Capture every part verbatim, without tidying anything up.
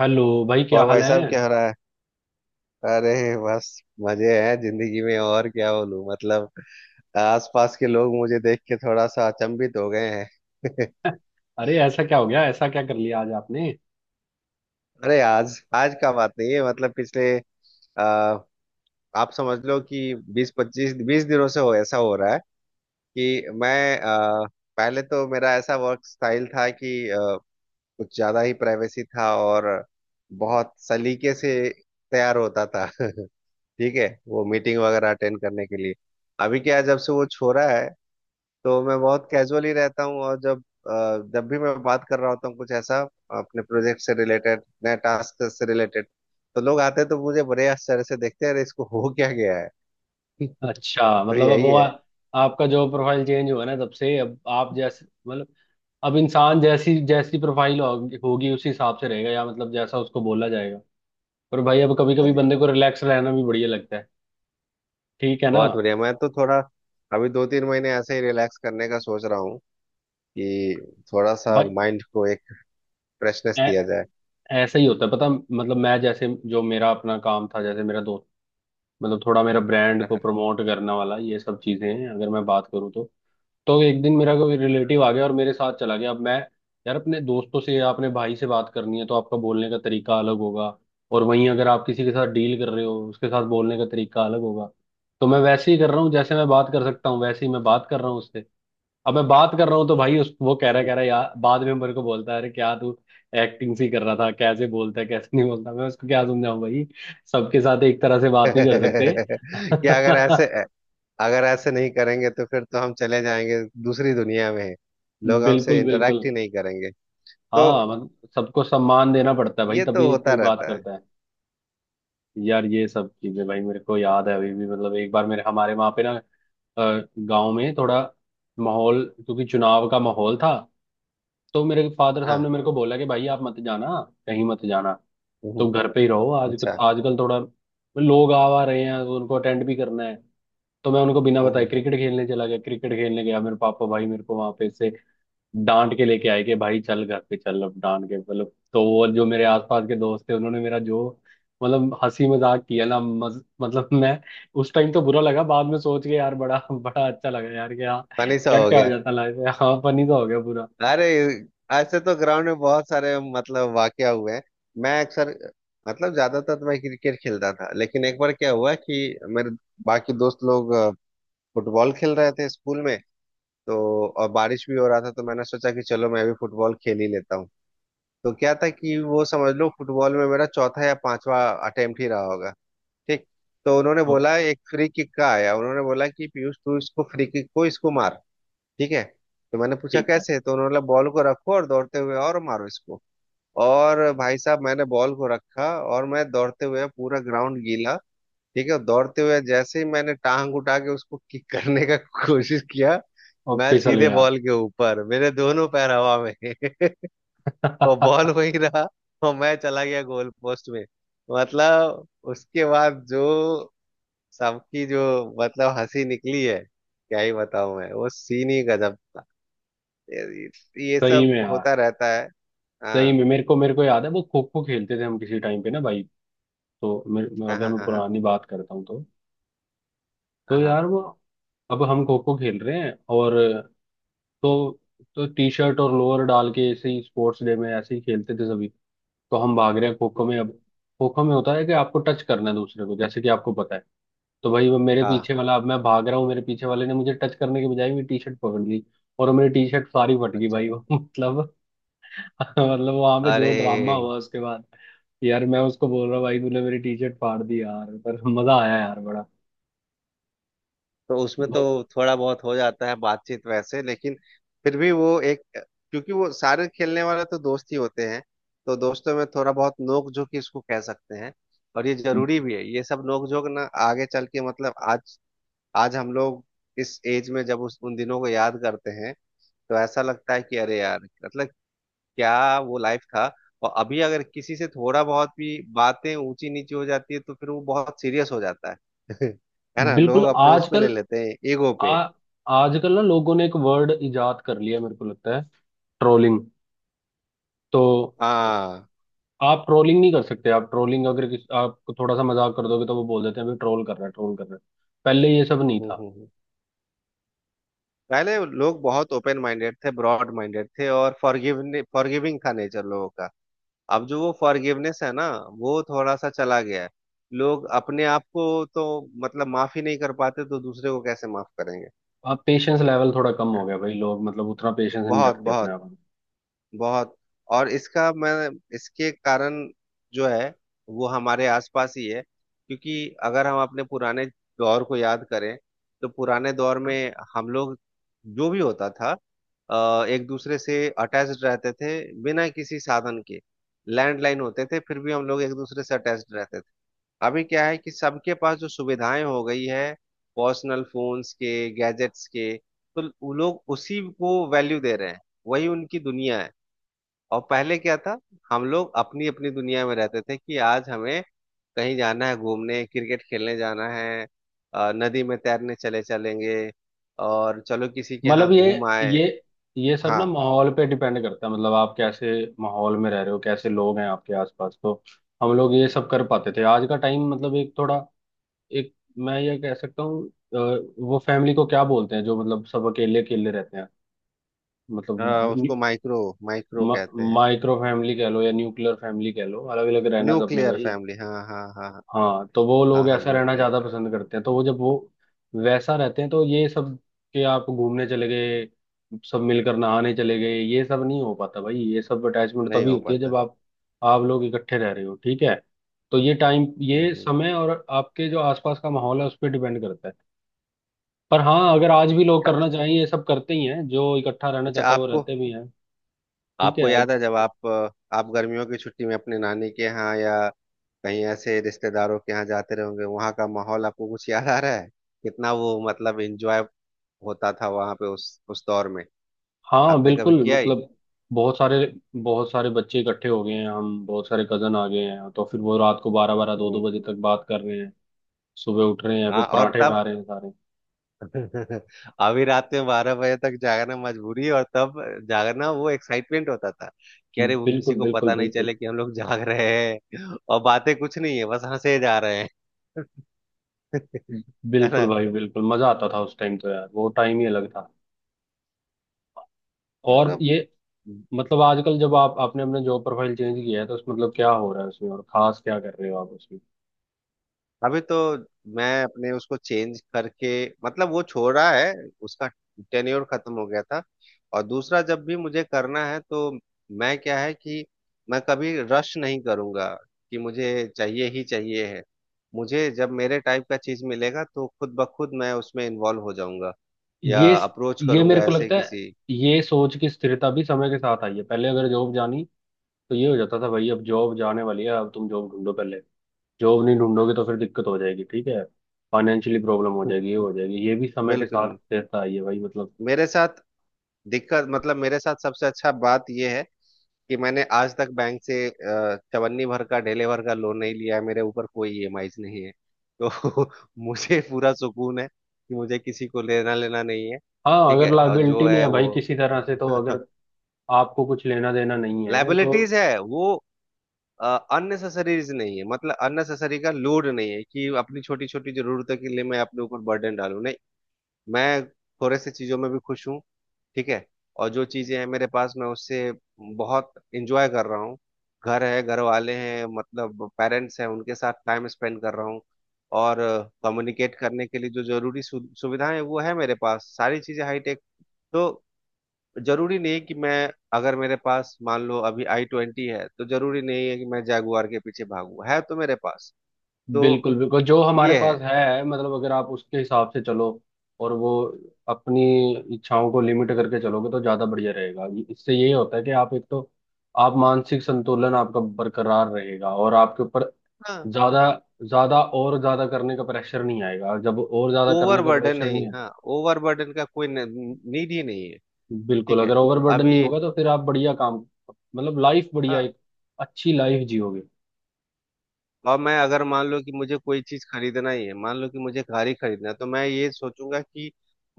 Hello भाई, क्या और हाल भाई साहब है। क्या हो रहा है? अरे बस मजे हैं जिंदगी में और क्या बोलूं, मतलब। आसपास के लोग मुझे देख के थोड़ा सा अचंभित हो गए हैं। अरे ऐसा क्या हो गया, ऐसा क्या कर लिया आज आपने। अरे आज आज का बात नहीं है, मतलब पिछले आ, आप समझ लो कि बीस पच्चीस, बीस दिनों से हो ऐसा हो रहा है कि मैं आ, पहले तो मेरा ऐसा वर्क स्टाइल था कि आ, कुछ ज्यादा ही प्राइवेसी था, और बहुत सलीके से तैयार होता था। ठीक है, वो मीटिंग वगैरह अटेंड करने के लिए। अभी क्या है, जब से वो छोरा है तो मैं बहुत कैजुअली रहता हूँ, और जब अ, जब भी मैं बात कर रहा होता हूँ कुछ ऐसा अपने प्रोजेक्ट से रिलेटेड, नए टास्क से रिलेटेड, तो लोग आते हैं तो मुझे बड़े आश्चर्य से देखते हैं, अरे इसको हो क्या गया है। अच्छा, तो मतलब अब यही वो आ, है। आपका जो प्रोफाइल चेंज हुआ ना, तब से अब आप जैसे मतलब अब इंसान जैसी जैसी प्रोफाइल होगी होगी उसी हिसाब से रहेगा, या मतलब जैसा उसको बोला जाएगा। पर भाई अब कभी और कभी बंदे को रिलैक्स रहना भी बढ़िया लगता है, ठीक है ना। बहुत बढ़िया, मैं तो थोड़ा अभी दो तीन महीने ऐसे ही रिलैक्स करने का सोच रहा हूँ कि थोड़ा सा भाई माइंड को एक फ्रेशनेस दिया ऐ- जाए। ऐसा ही होता है पता, मतलब मैं जैसे, जो मेरा अपना काम था, जैसे मेरा दोस्त, मतलब थोड़ा मेरा ब्रांड को प्रमोट करने वाला ये सब चीजें हैं, अगर मैं बात करूँ तो तो एक दिन मेरा कोई रिलेटिव आ गया और मेरे साथ चला गया। अब मैं, यार अपने दोस्तों से या अपने भाई से बात करनी है तो आपका बोलने का तरीका अलग होगा, और वहीं अगर आप किसी के साथ डील कर रहे हो उसके साथ बोलने का तरीका अलग होगा। तो मैं वैसे ही कर रहा हूँ, जैसे मैं बात कर सकता हूँ वैसे ही मैं बात कर रहा हूँ उससे। अब मैं बात कर रहा हूँ तो भाई उस वो कह रहा कह रहा यार, बाद में मेरे को बोलता है अरे क्या तू एक्टिंग सी कर रहा था, कैसे बोलता है कैसे नहीं बोलता, मैं उसको क्या समझाऊं भाई। सबके साथ एक तरह से बात नहीं कर सकते। क्या, अगर ऐसे अगर ऐसे नहीं करेंगे तो फिर तो हम चले जाएंगे दूसरी दुनिया में, लोग हमसे बिल्कुल इंटरेक्ट बिल्कुल। ही नहीं करेंगे। तो हाँ मतलब सबको सम्मान देना पड़ता है भाई, ये तो तभी होता कोई बात रहता है। करता है। यार ये सब चीजें भाई मेरे को याद है अभी भी, मतलब एक बार मेरे, हमारे वहाँ पे ना, गांव में थोड़ा माहौल, क्योंकि चुनाव का माहौल था, तो मेरे फादर साहब ने हाँ। मेरे को बोला कि भाई आप मत जाना, कहीं मत जाना, हम्म। तुम घर पे ही रहो आज। अच्छा। आजकल थोड़ा लोग आ आ रहे हैं तो उनको अटेंड भी करना है। तो मैं उनको बिना बताए फनी क्रिकेट खेलने चला गया, क्रिकेट खेलने गया, मेरे पापा भाई मेरे को वहां पे से डांट के लेके आए कि भाई चल घर पे चल। अब डांट के मतलब, तो वो जो मेरे आसपास के दोस्त थे उन्होंने मेरा जो, मतलब हंसी मजाक किया ना मज, मतलब मैं उस टाइम तो बुरा लगा, बाद में सोच के यार बड़ा बड़ा अच्छा लगा यार, कि हाँ सा क्या हो क्या हो गया। जाता लाइफ में, हाँ फनी तो हो गया पूरा। अरे ऐसे तो ग्राउंड में बहुत सारे, मतलब वाकया हुए हैं। मैं अक्सर, मतलब ज्यादातर तो मैं क्रिकेट खेलता था, लेकिन एक बार क्या हुआ कि मेरे बाकी दोस्त लोग अ, फुटबॉल खेल रहे थे स्कूल में। तो और बारिश भी हो रहा था तो मैंने सोचा कि चलो मैं भी फुटबॉल खेल ही लेता हूँ। तो क्या था कि वो समझ लो, फुटबॉल में मेरा चौथा या पांचवा अटेम्प्ट ही रहा होगा। ठीक। तो उन्होंने ओ, बोला, एक फ्री किक का आया, उन्होंने बोला कि पीयूष, तू इसको फ्री किक को इसको मार। ठीक है। तो मैंने पूछा ठीक है, कैसे, तो उन्होंने बोला बॉल को रखो और दौड़ते हुए और मारो इसको। और भाई साहब, मैंने बॉल को रखा, और मैं दौड़ते हुए, पूरा ग्राउंड गीला, ठीक है, दौड़ते हुए जैसे ही मैंने टांग उठा के उसको किक करने का कोशिश किया, और मैं फिसल सीधे गया। बॉल के ऊपर, मेरे दोनों पैर हवा में। और बॉल वहीं रहा, और मैं चला गया गोल पोस्ट में। मतलब उसके बाद जो, सबकी जो, मतलब हंसी निकली है, क्या ही बताऊं मैं, वो सीन ही गजब था। ये ये सही सब में यार, होता रहता है। सही हाँ में मेरे को मेरे को याद है, वो खो खो खेलते थे हम किसी टाइम पे ना भाई। तो मेरे, हाँ अगर हाँ। मैं हाँ पुरानी बात करता हूँ तो हाँ तो हाँ यार वो, अब हम खो खो खेल रहे हैं और, तो तो टी शर्ट और लोअर डाल के ऐसे ही स्पोर्ट्स डे में ऐसे ही खेलते थे सभी। तो हम भाग रहे हैं खो खो में अब, खो खो में होता है कि आपको टच करना है दूसरे को, जैसे कि आपको पता है। तो भाई वो मेरे हाँ। पीछे वाला, अब मैं भाग रहा हूँ, मेरे पीछे वाले ने मुझे टच करने के बजाय मेरी टी शर्ट पकड़ ली, और वो मेरी टी शर्ट सारी फट गई अच्छा। भाई वो मतलब, मतलब वहां पे जो अरे, ड्रामा हुआ उसके बाद, यार मैं उसको बोल रहा हूँ भाई तूने मेरी टी शर्ट फाड़ दी यार, पर मजा आया यार बड़ा। तो उसमें तो बहुत। थोड़ा बहुत हो जाता है बातचीत वैसे, लेकिन फिर भी वो एक, क्योंकि वो सारे खेलने वाले तो दोस्त ही होते हैं, तो दोस्तों में थोड़ा बहुत नोक झोंक ही इसको कह सकते हैं। और ये जरूरी भी है, ये सब नोक झोंक ना आगे चल के, मतलब आज आज हम लोग इस एज में जब उस उन दिनों को याद करते हैं तो ऐसा लगता है कि अरे यार, मतलब क्या वो लाइफ था। और अभी अगर किसी से थोड़ा बहुत भी बातें ऊंची नीची हो जाती है तो फिर वो बहुत सीरियस हो जाता है। है ना, लोग बिल्कुल। अपने उस पे ले आजकल लेते हैं, ईगो आ पे। आजकल ना लोगों ने एक वर्ड इजाद कर लिया, मेरे को लगता है, ट्रोलिंग। तो हाँ। आप ट्रोलिंग नहीं कर सकते, आप ट्रोलिंग अगर किस, आप थोड़ा सा मजाक कर दोगे तो वो बोल देते हैं भाई ट्रोल कर रहे हैं, ट्रोल कर रहे हैं। पहले ये सब नहीं हम्म था। हम्म, हम्म। पहले लोग बहुत ओपन माइंडेड थे, ब्रॉड माइंडेड थे, और फॉरगिवने फॉरगिविंग था नेचर लोगों का। अब जो वो फॉरगिवनेस है ना, वो थोड़ा सा चला गया है। लोग अपने आप को तो, मतलब माफ ही नहीं कर पाते, तो दूसरे को कैसे माफ करेंगे। अब पेशेंस लेवल थोड़ा कम हो हैं? गया भाई, लोग मतलब उतना पेशेंस नहीं बहुत रखते अपने बहुत आप में। बहुत। और इसका मैं, इसके कारण जो है वो हमारे आसपास ही है, क्योंकि अगर हम अपने पुराने दौर को याद करें, तो पुराने दौर में हम लोग, जो भी होता था, अ, एक दूसरे से अटैच्ड रहते थे बिना किसी साधन के। लैंडलाइन होते थे फिर भी हम लोग एक दूसरे से अटैच्ड रहते थे। अभी क्या है, कि सबके पास जो सुविधाएं हो गई है, पर्सनल फोन्स के, गैजेट्स के, तो वो लोग उसी को वैल्यू दे रहे हैं, वही उनकी दुनिया है। और पहले क्या था, हम लोग अपनी अपनी दुनिया में रहते थे, कि आज हमें कहीं जाना है घूमने, क्रिकेट खेलने जाना है, अ, नदी में तैरने चले चलेंगे, और चलो किसी के मतलब यहाँ ये घूम आए। ये ये सब ना हाँ। माहौल पे डिपेंड करता है, मतलब आप कैसे माहौल में रह रहे हो, कैसे लोग हैं आपके आसपास, तो हम लोग ये सब कर पाते थे। आज का टाइम मतलब एक थोड़ा, एक, मैं ये कह सकता हूँ अ, वो फैमिली को क्या बोलते हैं जो मतलब सब अकेले अकेले रहते हैं, अ, मतलब, उसको माइक्रो माइक्रो कहते हैं। माइक्रो फैमिली कह लो या न्यूक्लियर फैमिली कह लो, अलग अलग रहना सबने न्यूक्लियर भाई। फैमिली, हाँ हाँ हाँ। हाँ तो वो हाँ लोग हाँ, ऐसा रहना न्यूक्लियर ज्यादा फैमिली। पसंद करते हैं, तो वो जब वो वैसा रहते हैं तो ये सब के आप घूमने चले गए, सब मिलकर नहाने चले गए, ये सब नहीं हो पाता भाई। ये सब अटैचमेंट नहीं तभी हो होती है जब पाता। आप आप लोग इकट्ठे रह रहे हो, ठीक है। तो ये टाइम, हम्म ये हम्म। समय और आपके जो आसपास का माहौल है उस पर डिपेंड करता है। पर हाँ, अगर आज भी लोग अच्छा। करना चाहें ये सब करते ही हैं, जो इकट्ठा रहना अच्छा, चाहता है वो आपको रहते भी हैं, ठीक है। आपको याद है जब आप आप गर्मियों की छुट्टी में अपने नानी के यहाँ या कहीं ऐसे रिश्तेदारों के यहाँ जाते रहोगे, वहाँ का माहौल आपको कुछ याद आ रहा है, कितना वो मतलब एंजॉय होता था वहाँ पे उस उस दौर में, हाँ आपने कभी बिल्कुल, किया ही। मतलब बहुत सारे, बहुत सारे बच्चे इकट्ठे हो गए हैं, हम बहुत सारे कजन आ गए हैं, तो फिर वो रात को बारह बारह दो दो हम्म। बजे तक बात कर रहे हैं, सुबह उठ रहे हैं, फिर हाँ, और पराठे खा तब। रहे हैं सारे। अभी रात में बारह बजे तक जागना मजबूरी, और तब जागना वो एक्साइटमेंट होता था, कि अरे वो किसी बिल्कुल को बिल्कुल पता नहीं बिल्कुल। चले कि हम लोग जाग रहे हैं, और बातें कुछ नहीं है, बस हंसे जा रहे हैं। है बिल्कुल ना? भाई, बिल्कुल मजा आता था उस टाइम तो, यार वो टाइम ही अलग था। और मतलब ये मतलब, आजकल जब आप, आपने अपने जॉब प्रोफाइल चेंज किया है, तो उस मतलब क्या हो रहा है उसमें, और खास क्या कर रहे हो आप उसमें। अभी तो मैं अपने उसको चेंज करके, मतलब वो छोड़ा है। उसका टेन्योर खत्म हो गया था। और दूसरा जब भी मुझे करना है, तो मैं, क्या है कि मैं कभी रश नहीं करूंगा, कि मुझे चाहिए ही चाहिए है। मुझे जब मेरे टाइप का चीज मिलेगा तो खुद ब खुद मैं उसमें इन्वॉल्व हो जाऊंगा, या ये अप्रोच ये मेरे करूंगा को ऐसे लगता है किसी। ये सोच की स्थिरता भी समय के साथ आई है। पहले अगर जॉब जानी तो ये हो जाता था भाई अब जॉब जाने वाली है, अब तुम जॉब ढूंढो, पहले जॉब नहीं ढूंढोगे तो फिर दिक्कत हो जाएगी, ठीक है, फाइनेंशियली प्रॉब्लम हो जाएगी, ये हो जाएगी, ये भी समय के साथ बिल्कुल। रहता है ये भाई, मतलब। मेरे साथ दिक्कत, मतलब मेरे साथ सबसे अच्छा बात यह है कि मैंने आज तक बैंक से अ, चवन्नी भर का, ढेले भर का लोन नहीं लिया है, मेरे ऊपर कोई ई एम आईज़ नहीं है। तो मुझे पूरा सुकून है कि मुझे किसी को लेना लेना नहीं है। हाँ ठीक अगर है, और जो लाइबिलिटी नहीं है है भाई वो, किसी तरह से, तो अगर आपको कुछ लेना देना नहीं है तो, लाइबिलिटीज है वो अननेसेसरीज नहीं है, मतलब अननेसेसरी का लोड नहीं है, कि अपनी छोटी छोटी जरूरतों के लिए मैं अपने ऊपर बर्डन डालूं, नहीं। मैं थोड़े से चीजों में भी खुश हूँ। ठीक है। और जो चीजें हैं मेरे पास, मैं उससे बहुत इंजॉय कर रहा हूँ। घर है, घर वाले हैं, मतलब पेरेंट्स हैं, उनके साथ टाइम स्पेंड कर रहा हूँ। और कम्युनिकेट करने के लिए जो जरूरी सु, सुविधाएं हैं, वो है मेरे पास, सारी चीजें हाईटेक। तो जरूरी नहीं, कि मैं अगर, मेरे पास मान लो अभी आई ट्वेंटी है तो जरूरी नहीं है कि मैं जैगुआर के पीछे भागूं, है तो मेरे पास। तो बिल्कुल बिल्कुल, जो हमारे ये है। पास है मतलब अगर आप उसके हिसाब से चलो, और वो अपनी इच्छाओं को लिमिट करके चलोगे तो ज्यादा बढ़िया रहेगा। इससे ये होता है कि आप एक तो, आप मानसिक संतुलन आपका बरकरार रहेगा, और आपके ऊपर हाँ, ज्यादा ज्यादा और ज्यादा करने का प्रेशर नहीं आएगा, जब और ज्यादा करने का ओवरबर्डन प्रेशर नहीं, नहीं। हाँ, ओवरबर्डन का कोई नीड ही नहीं है। बिल्कुल, ठीक है। अगर ओवरबर्डन अभी। नहीं होगा तो फिर आप बढ़िया काम, मतलब लाइफ बढ़िया, हाँ, एक अच्छी लाइफ जियोगे। और मैं अगर मान लो कि मुझे कोई चीज खरीदना ही है, मान लो कि मुझे गाड़ी खरीदना है, तो मैं ये सोचूंगा कि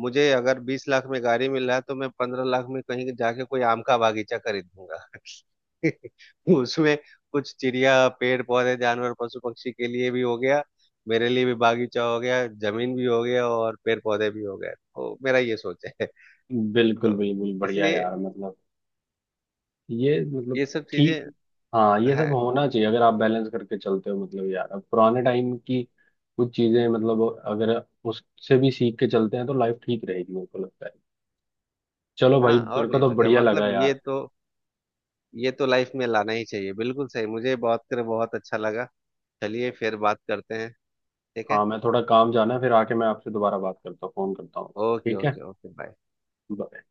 मुझे अगर बीस लाख में गाड़ी मिल रहा है, तो मैं पंद्रह लाख में कहीं जाके कोई आम का बागीचा खरीद लूंगा। उसमें कुछ चिड़िया, पेड़ पौधे, जानवर, पशु पक्षी के लिए भी हो गया, मेरे लिए भी बागीचा हो गया, जमीन भी हो गया, और पेड़ पौधे भी हो गए, तो मेरा ये सोच है। बिल्कुल तो बिल्कुल, बढ़िया इसलिए यार, मतलब ये मतलब, ये सब ठीक, चीजें हाँ ये है। सब होना चाहिए, अगर आप बैलेंस करके चलते हो। मतलब यार अब पुराने टाइम की कुछ चीजें, मतलब अगर उससे भी सीख के चलते हैं तो लाइफ ठीक रहेगी, मेरे को लगता है। चलो हाँ, भाई, मेरे और को नहीं तो तो क्या बढ़िया लगा मतलब, ये यार। तो, ये तो लाइफ में लाना ही चाहिए। बिल्कुल सही, मुझे बात कर बहुत अच्छा लगा। चलिए फिर बात करते हैं, ठीक है। हाँ मैं थोड़ा काम जाना है, फिर आके मैं आपसे दोबारा बात करता हूँ, फोन करता हूँ। ओके ठीक है। Okay okay, bye. ब-